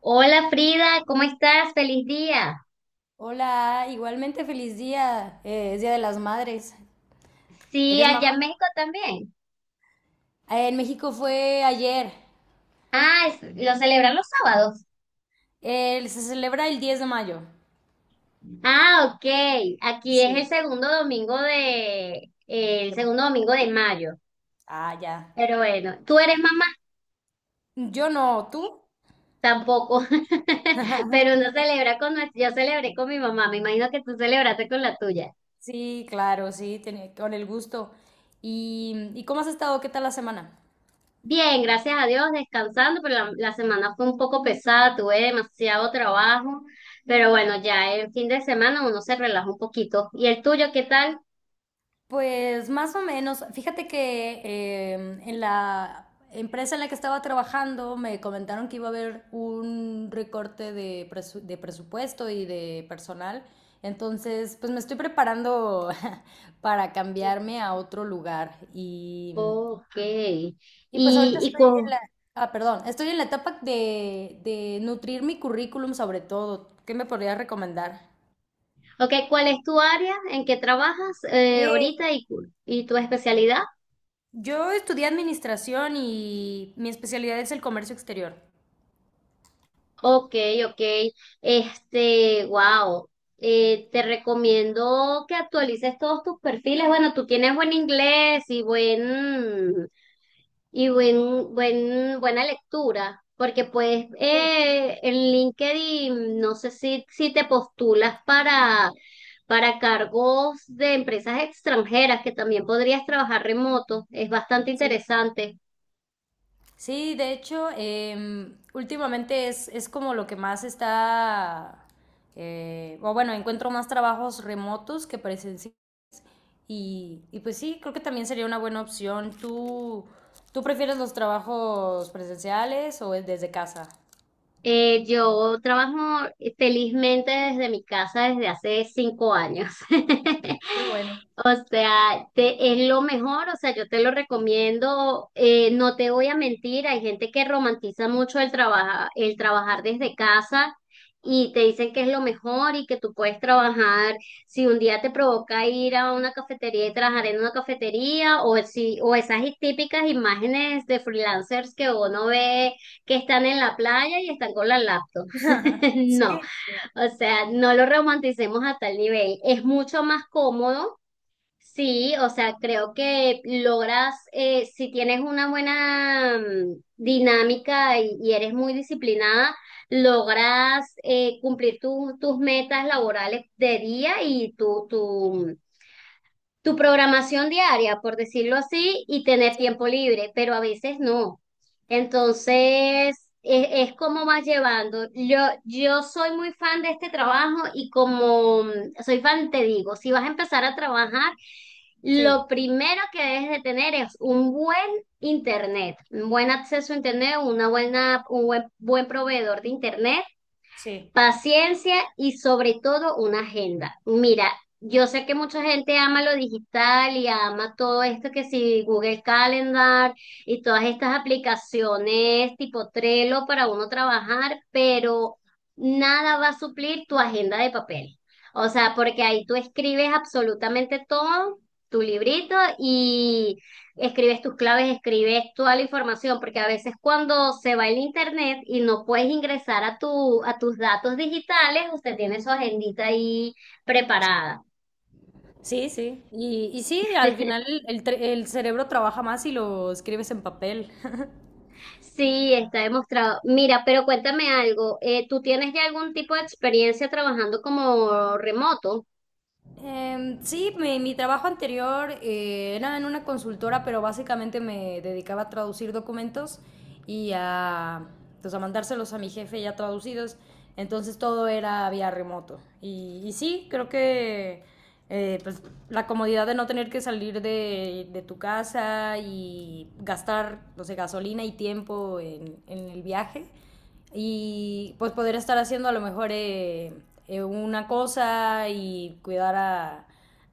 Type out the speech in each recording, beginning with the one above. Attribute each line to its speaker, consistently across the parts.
Speaker 1: Hola Frida, ¿cómo estás? Feliz día.
Speaker 2: Hola, igualmente feliz día. Es Día de las Madres.
Speaker 1: Sí,
Speaker 2: ¿Eres
Speaker 1: allá
Speaker 2: mamá?
Speaker 1: en México también.
Speaker 2: En México fue ayer.
Speaker 1: Ah, lo celebran los sábados.
Speaker 2: Se celebra el 10 de mayo.
Speaker 1: Ah, ok. Aquí es el
Speaker 2: Sí.
Speaker 1: segundo domingo de, el segundo domingo de mayo.
Speaker 2: Ah, ya.
Speaker 1: Pero bueno, ¿tú eres mamá?
Speaker 2: Yo no, ¿tú?
Speaker 1: Tampoco. Pero uno celebra con nuestro, yo celebré con mi mamá. Me imagino que tú celebraste con la tuya.
Speaker 2: Sí, claro, sí, con el gusto. ¿Y cómo has estado? ¿Qué tal la semana?
Speaker 1: Bien, gracias a Dios, descansando, pero la semana fue un poco pesada, tuve demasiado trabajo, pero bueno, ya el fin de semana uno se relaja un poquito. ¿Y el tuyo qué tal?
Speaker 2: Pues más o menos, fíjate que en la empresa en la que estaba trabajando me comentaron que iba a haber un recorte de presupuesto y de personal. Entonces, pues me estoy preparando para
Speaker 1: Sí.
Speaker 2: cambiarme a otro lugar.
Speaker 1: Ok.
Speaker 2: Y pues ahorita
Speaker 1: Y
Speaker 2: estoy
Speaker 1: cu-
Speaker 2: en la... Ah, perdón, estoy en la etapa de nutrir mi currículum sobre todo. ¿Qué me podrías recomendar?
Speaker 1: okay, cuál es tu área? ¿En qué trabajas ahorita y y tu especialidad?
Speaker 2: Yo estudié administración y mi especialidad es el comercio exterior.
Speaker 1: Ok, ok. Este, wow. Te recomiendo que actualices todos tus perfiles. Bueno, tú tienes buen inglés y buen. Y buena lectura, porque pues
Speaker 2: Sí,
Speaker 1: en LinkedIn no sé si te postulas para cargos de empresas extranjeras, que también podrías trabajar remoto, es bastante
Speaker 2: sí.
Speaker 1: interesante.
Speaker 2: Sí, de hecho, últimamente es como lo que más está, o bueno, encuentro más trabajos remotos que presenciales. Y pues sí, creo que también sería una buena opción. ¿Tú prefieres los trabajos presenciales o es desde casa?
Speaker 1: Yo trabajo felizmente desde mi casa desde hace 5 años.
Speaker 2: Qué bueno.
Speaker 1: O sea, es lo mejor, o sea, yo te lo recomiendo, no te voy a mentir, hay gente que romantiza mucho el trabajar desde casa y te dicen que es lo mejor y que tú puedes trabajar, si un día te provoca ir a una cafetería y trabajar en una cafetería, o si, o esas típicas imágenes de freelancers que uno ve que están en la playa y están con la laptop. No,
Speaker 2: Sí, sí,
Speaker 1: o sea, no lo romanticemos a tal nivel. Es mucho más cómodo, sí, o sea, creo que logras, si tienes una buena dinámica y eres muy disciplinada, logras cumplir tus metas laborales de día y tu tu programación diaria, por decirlo así, y tener
Speaker 2: sí.
Speaker 1: tiempo libre, pero a veces no. Entonces, es como vas llevando. Yo soy muy fan de este trabajo y como soy fan, te digo, si vas a empezar a trabajar,
Speaker 2: Sí,
Speaker 1: lo primero que debes de tener es un buen internet, un buen acceso a internet, un buen, buen proveedor de internet.
Speaker 2: sí.
Speaker 1: Paciencia y sobre todo una agenda. Mira, yo sé que mucha gente ama lo digital y ama todo esto que si Google Calendar y todas estas aplicaciones tipo Trello para uno trabajar, pero nada va a suplir tu agenda de papel. O sea, porque ahí tú escribes absolutamente todo, tu librito y escribes tus claves, escribes toda la información, porque a veces cuando se va el internet y no puedes ingresar a tus datos digitales, usted tiene su agendita ahí preparada.
Speaker 2: Sí, sí. Y sí, al final el cerebro trabaja más si lo escribes en papel.
Speaker 1: Sí, está demostrado. Mira, pero cuéntame algo, ¿tú tienes ya algún tipo de experiencia trabajando como remoto?
Speaker 2: Sí, mi trabajo anterior era en una consultora, pero básicamente me dedicaba a traducir documentos y a, pues, a mandárselos a mi jefe ya traducidos. Entonces todo era vía remoto. Y sí, creo que pues, la comodidad de no tener que salir de tu casa y gastar, no sé, gasolina y tiempo en el viaje y pues poder estar haciendo a lo mejor una cosa y cuidar a,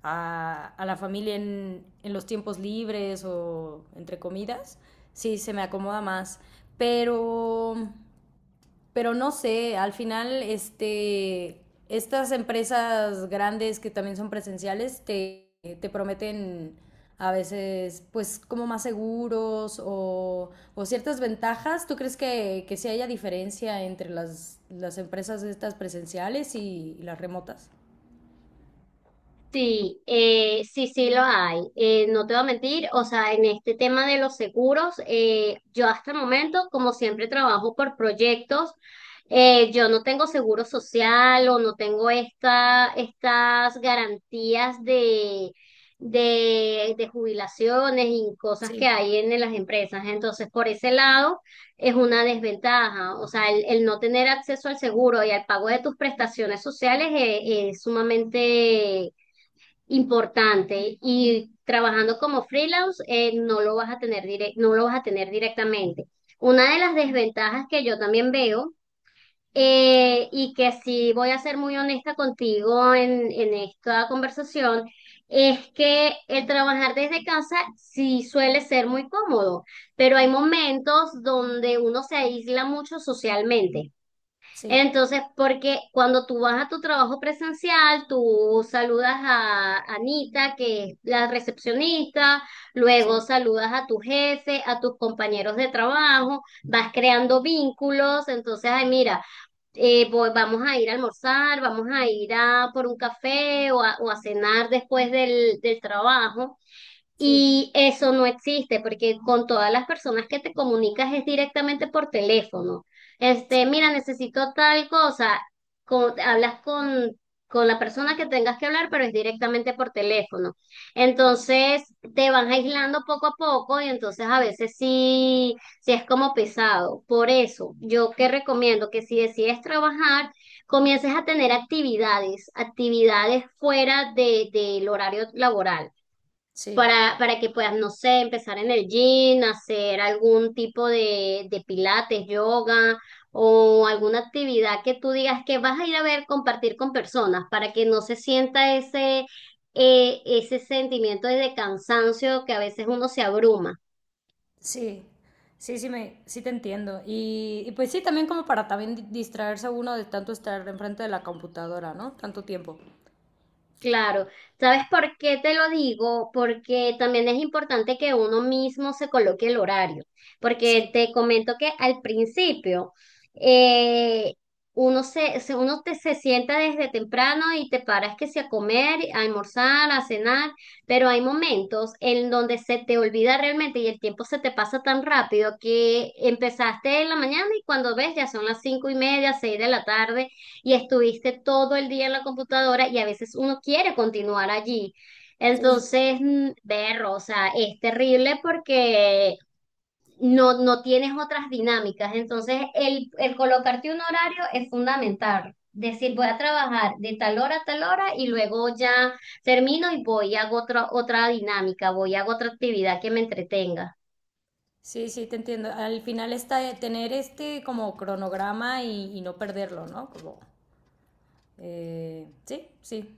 Speaker 2: a, a la familia los tiempos libres o entre comidas, sí, se me acomoda más. Pero pero no sé, al final, estas empresas grandes que también son presenciales te prometen a veces, pues, como más seguros o ciertas ventajas. ¿Tú crees que sí haya diferencia entre las empresas estas presenciales y las remotas?
Speaker 1: Sí, sí, sí lo hay. No te voy a mentir, o sea, en este tema de los seguros, yo hasta el momento, como siempre trabajo por proyectos, yo no tengo seguro social o no tengo estas garantías de jubilaciones y cosas que
Speaker 2: Sí,
Speaker 1: hay en las empresas. Entonces, por ese lado, es una desventaja. O sea, el no tener acceso al seguro y al pago de tus prestaciones sociales es sumamente importante y trabajando como freelance no lo vas a tener no lo vas a tener directamente. Una de las desventajas que yo también veo, y que sí voy a ser muy honesta contigo en esta conversación es que el trabajar desde casa sí suele ser muy cómodo, pero hay momentos donde uno se aísla mucho socialmente.
Speaker 2: sí,
Speaker 1: Entonces, porque cuando tú vas a tu trabajo presencial, tú saludas a Anita, que es la recepcionista, luego
Speaker 2: sí,
Speaker 1: saludas a tu jefe, a tus compañeros de trabajo, vas creando vínculos, entonces, ay, mira, vamos a ir a almorzar, vamos a ir a por un café o a cenar después del trabajo.
Speaker 2: sí,
Speaker 1: Y eso no existe porque con todas las personas que te comunicas es directamente por teléfono.
Speaker 2: sí.
Speaker 1: Este, mira, necesito tal cosa. Hablas con la persona que tengas que hablar, pero es directamente por teléfono. Entonces te van aislando poco a poco y entonces a veces sí es como pesado. Por eso, yo que recomiendo que si decides trabajar, comiences a tener actividades, actividades fuera del horario laboral
Speaker 2: Sí.
Speaker 1: para que puedas, no sé, empezar en el gym, hacer algún tipo de pilates, yoga o alguna actividad que tú digas que vas a ir a ver, compartir con personas para que no se sienta ese sentimiento de cansancio que a veces uno se abruma.
Speaker 2: Sí, sí, sí, sí te entiendo. Y pues sí, también como para también distraerse uno de tanto estar enfrente de la computadora, ¿no? Tanto tiempo.
Speaker 1: Claro, ¿sabes por qué te lo digo? Porque también es importante que uno mismo se coloque el horario, porque
Speaker 2: Sí,
Speaker 1: te comento que al principio, eh, uno se sienta desde temprano y te paras que sea a comer, a almorzar, a cenar, pero hay momentos en donde se te olvida realmente y el tiempo se te pasa tan rápido que empezaste en la mañana y cuando ves ya son las 5:30, seis de la tarde y estuviste todo el día en la computadora y a veces uno quiere continuar allí.
Speaker 2: sí.
Speaker 1: Entonces, berro, o sea, es terrible porque no tienes otras dinámicas. Entonces, el colocarte un horario es fundamental. Decir, voy a trabajar de tal hora a tal hora y luego ya termino y voy y hago otra dinámica, voy y hago otra actividad que me entretenga.
Speaker 2: Sí, sí, te entiendo. Al final está de tener este como cronograma y no perderlo, ¿no? Como, sí, sí.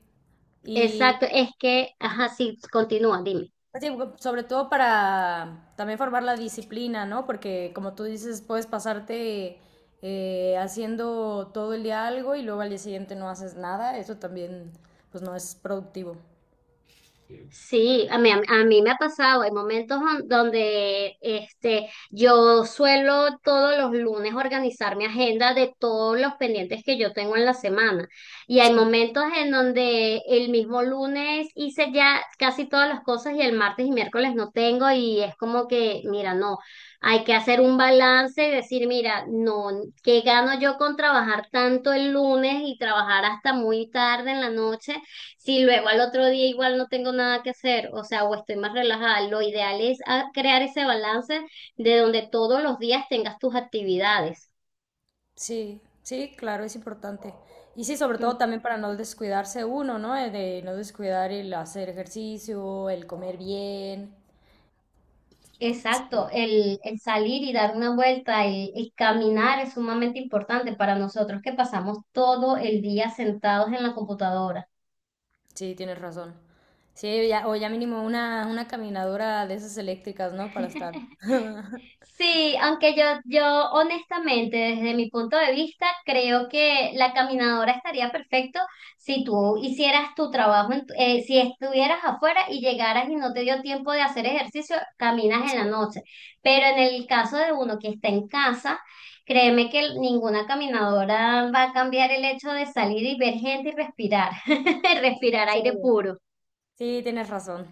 Speaker 2: Y,
Speaker 1: Exacto, es que, ajá, sí, continúa, dime.
Speaker 2: sí, sobre todo para también formar la disciplina, ¿no? Porque como tú dices, puedes pasarte haciendo todo el día algo y luego al día siguiente no haces nada. Eso también, pues no es productivo.
Speaker 1: Sí, a mí me ha pasado, hay momentos donde este, yo suelo todos los lunes organizar mi agenda de todos los pendientes que yo tengo en la semana. Y hay
Speaker 2: Sí.
Speaker 1: momentos en donde el mismo lunes hice ya casi todas las cosas y el martes y miércoles no tengo y es como que, mira, no, hay que hacer un balance y decir, mira, no, ¿qué gano yo con trabajar tanto el lunes y trabajar hasta muy tarde en la noche? Si luego al otro día igual no tengo nada que hacer, o sea, o estoy más relajada, lo ideal es ah, crear ese balance de donde todos los días tengas tus actividades.
Speaker 2: Sí, sí, claro, es importante. Y sí, sobre todo
Speaker 1: Mm.
Speaker 2: también para no descuidarse uno, ¿no? De no descuidar el hacer ejercicio, el comer bien.
Speaker 1: Exacto, el salir y dar una vuelta, el caminar es sumamente importante para nosotros que pasamos todo el día sentados en la computadora.
Speaker 2: Sí, tienes razón. Sí, ya, o ya mínimo una caminadora de esas eléctricas, ¿no? Para estar.
Speaker 1: Sí, aunque yo honestamente, desde mi punto de vista, creo que la caminadora estaría perfecto si tú hicieras tu trabajo, si estuvieras afuera y llegaras y no te dio tiempo de hacer ejercicio, caminas en la
Speaker 2: Sí,
Speaker 1: noche. Pero en el caso de uno que está en casa, créeme que ninguna caminadora va a cambiar el hecho de salir y ver gente y respirar, respirar
Speaker 2: sí.
Speaker 1: aire puro.
Speaker 2: Sí, tienes razón,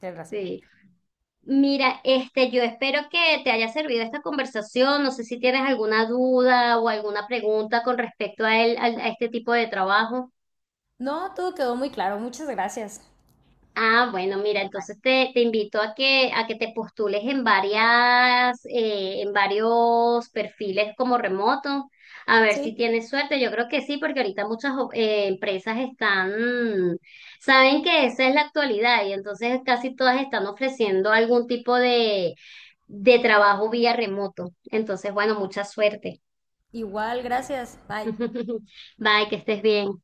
Speaker 2: tienes razón.
Speaker 1: Sí. Mira, este, yo espero que te haya servido esta conversación. No sé si tienes alguna duda o alguna pregunta con respecto a él, a este tipo de trabajo.
Speaker 2: No, todo quedó muy claro. Muchas gracias.
Speaker 1: Ah, bueno, mira,
Speaker 2: Bye.
Speaker 1: entonces te invito a a que te postules en varias, en varios perfiles como remoto, a ver si
Speaker 2: Sí,
Speaker 1: tienes suerte. Yo creo que sí, porque ahorita empresas están, saben que esa es la actualidad y entonces casi todas están ofreciendo algún tipo de trabajo vía remoto. Entonces, bueno, mucha suerte.
Speaker 2: igual, gracias. Bye.
Speaker 1: Bye, que estés bien.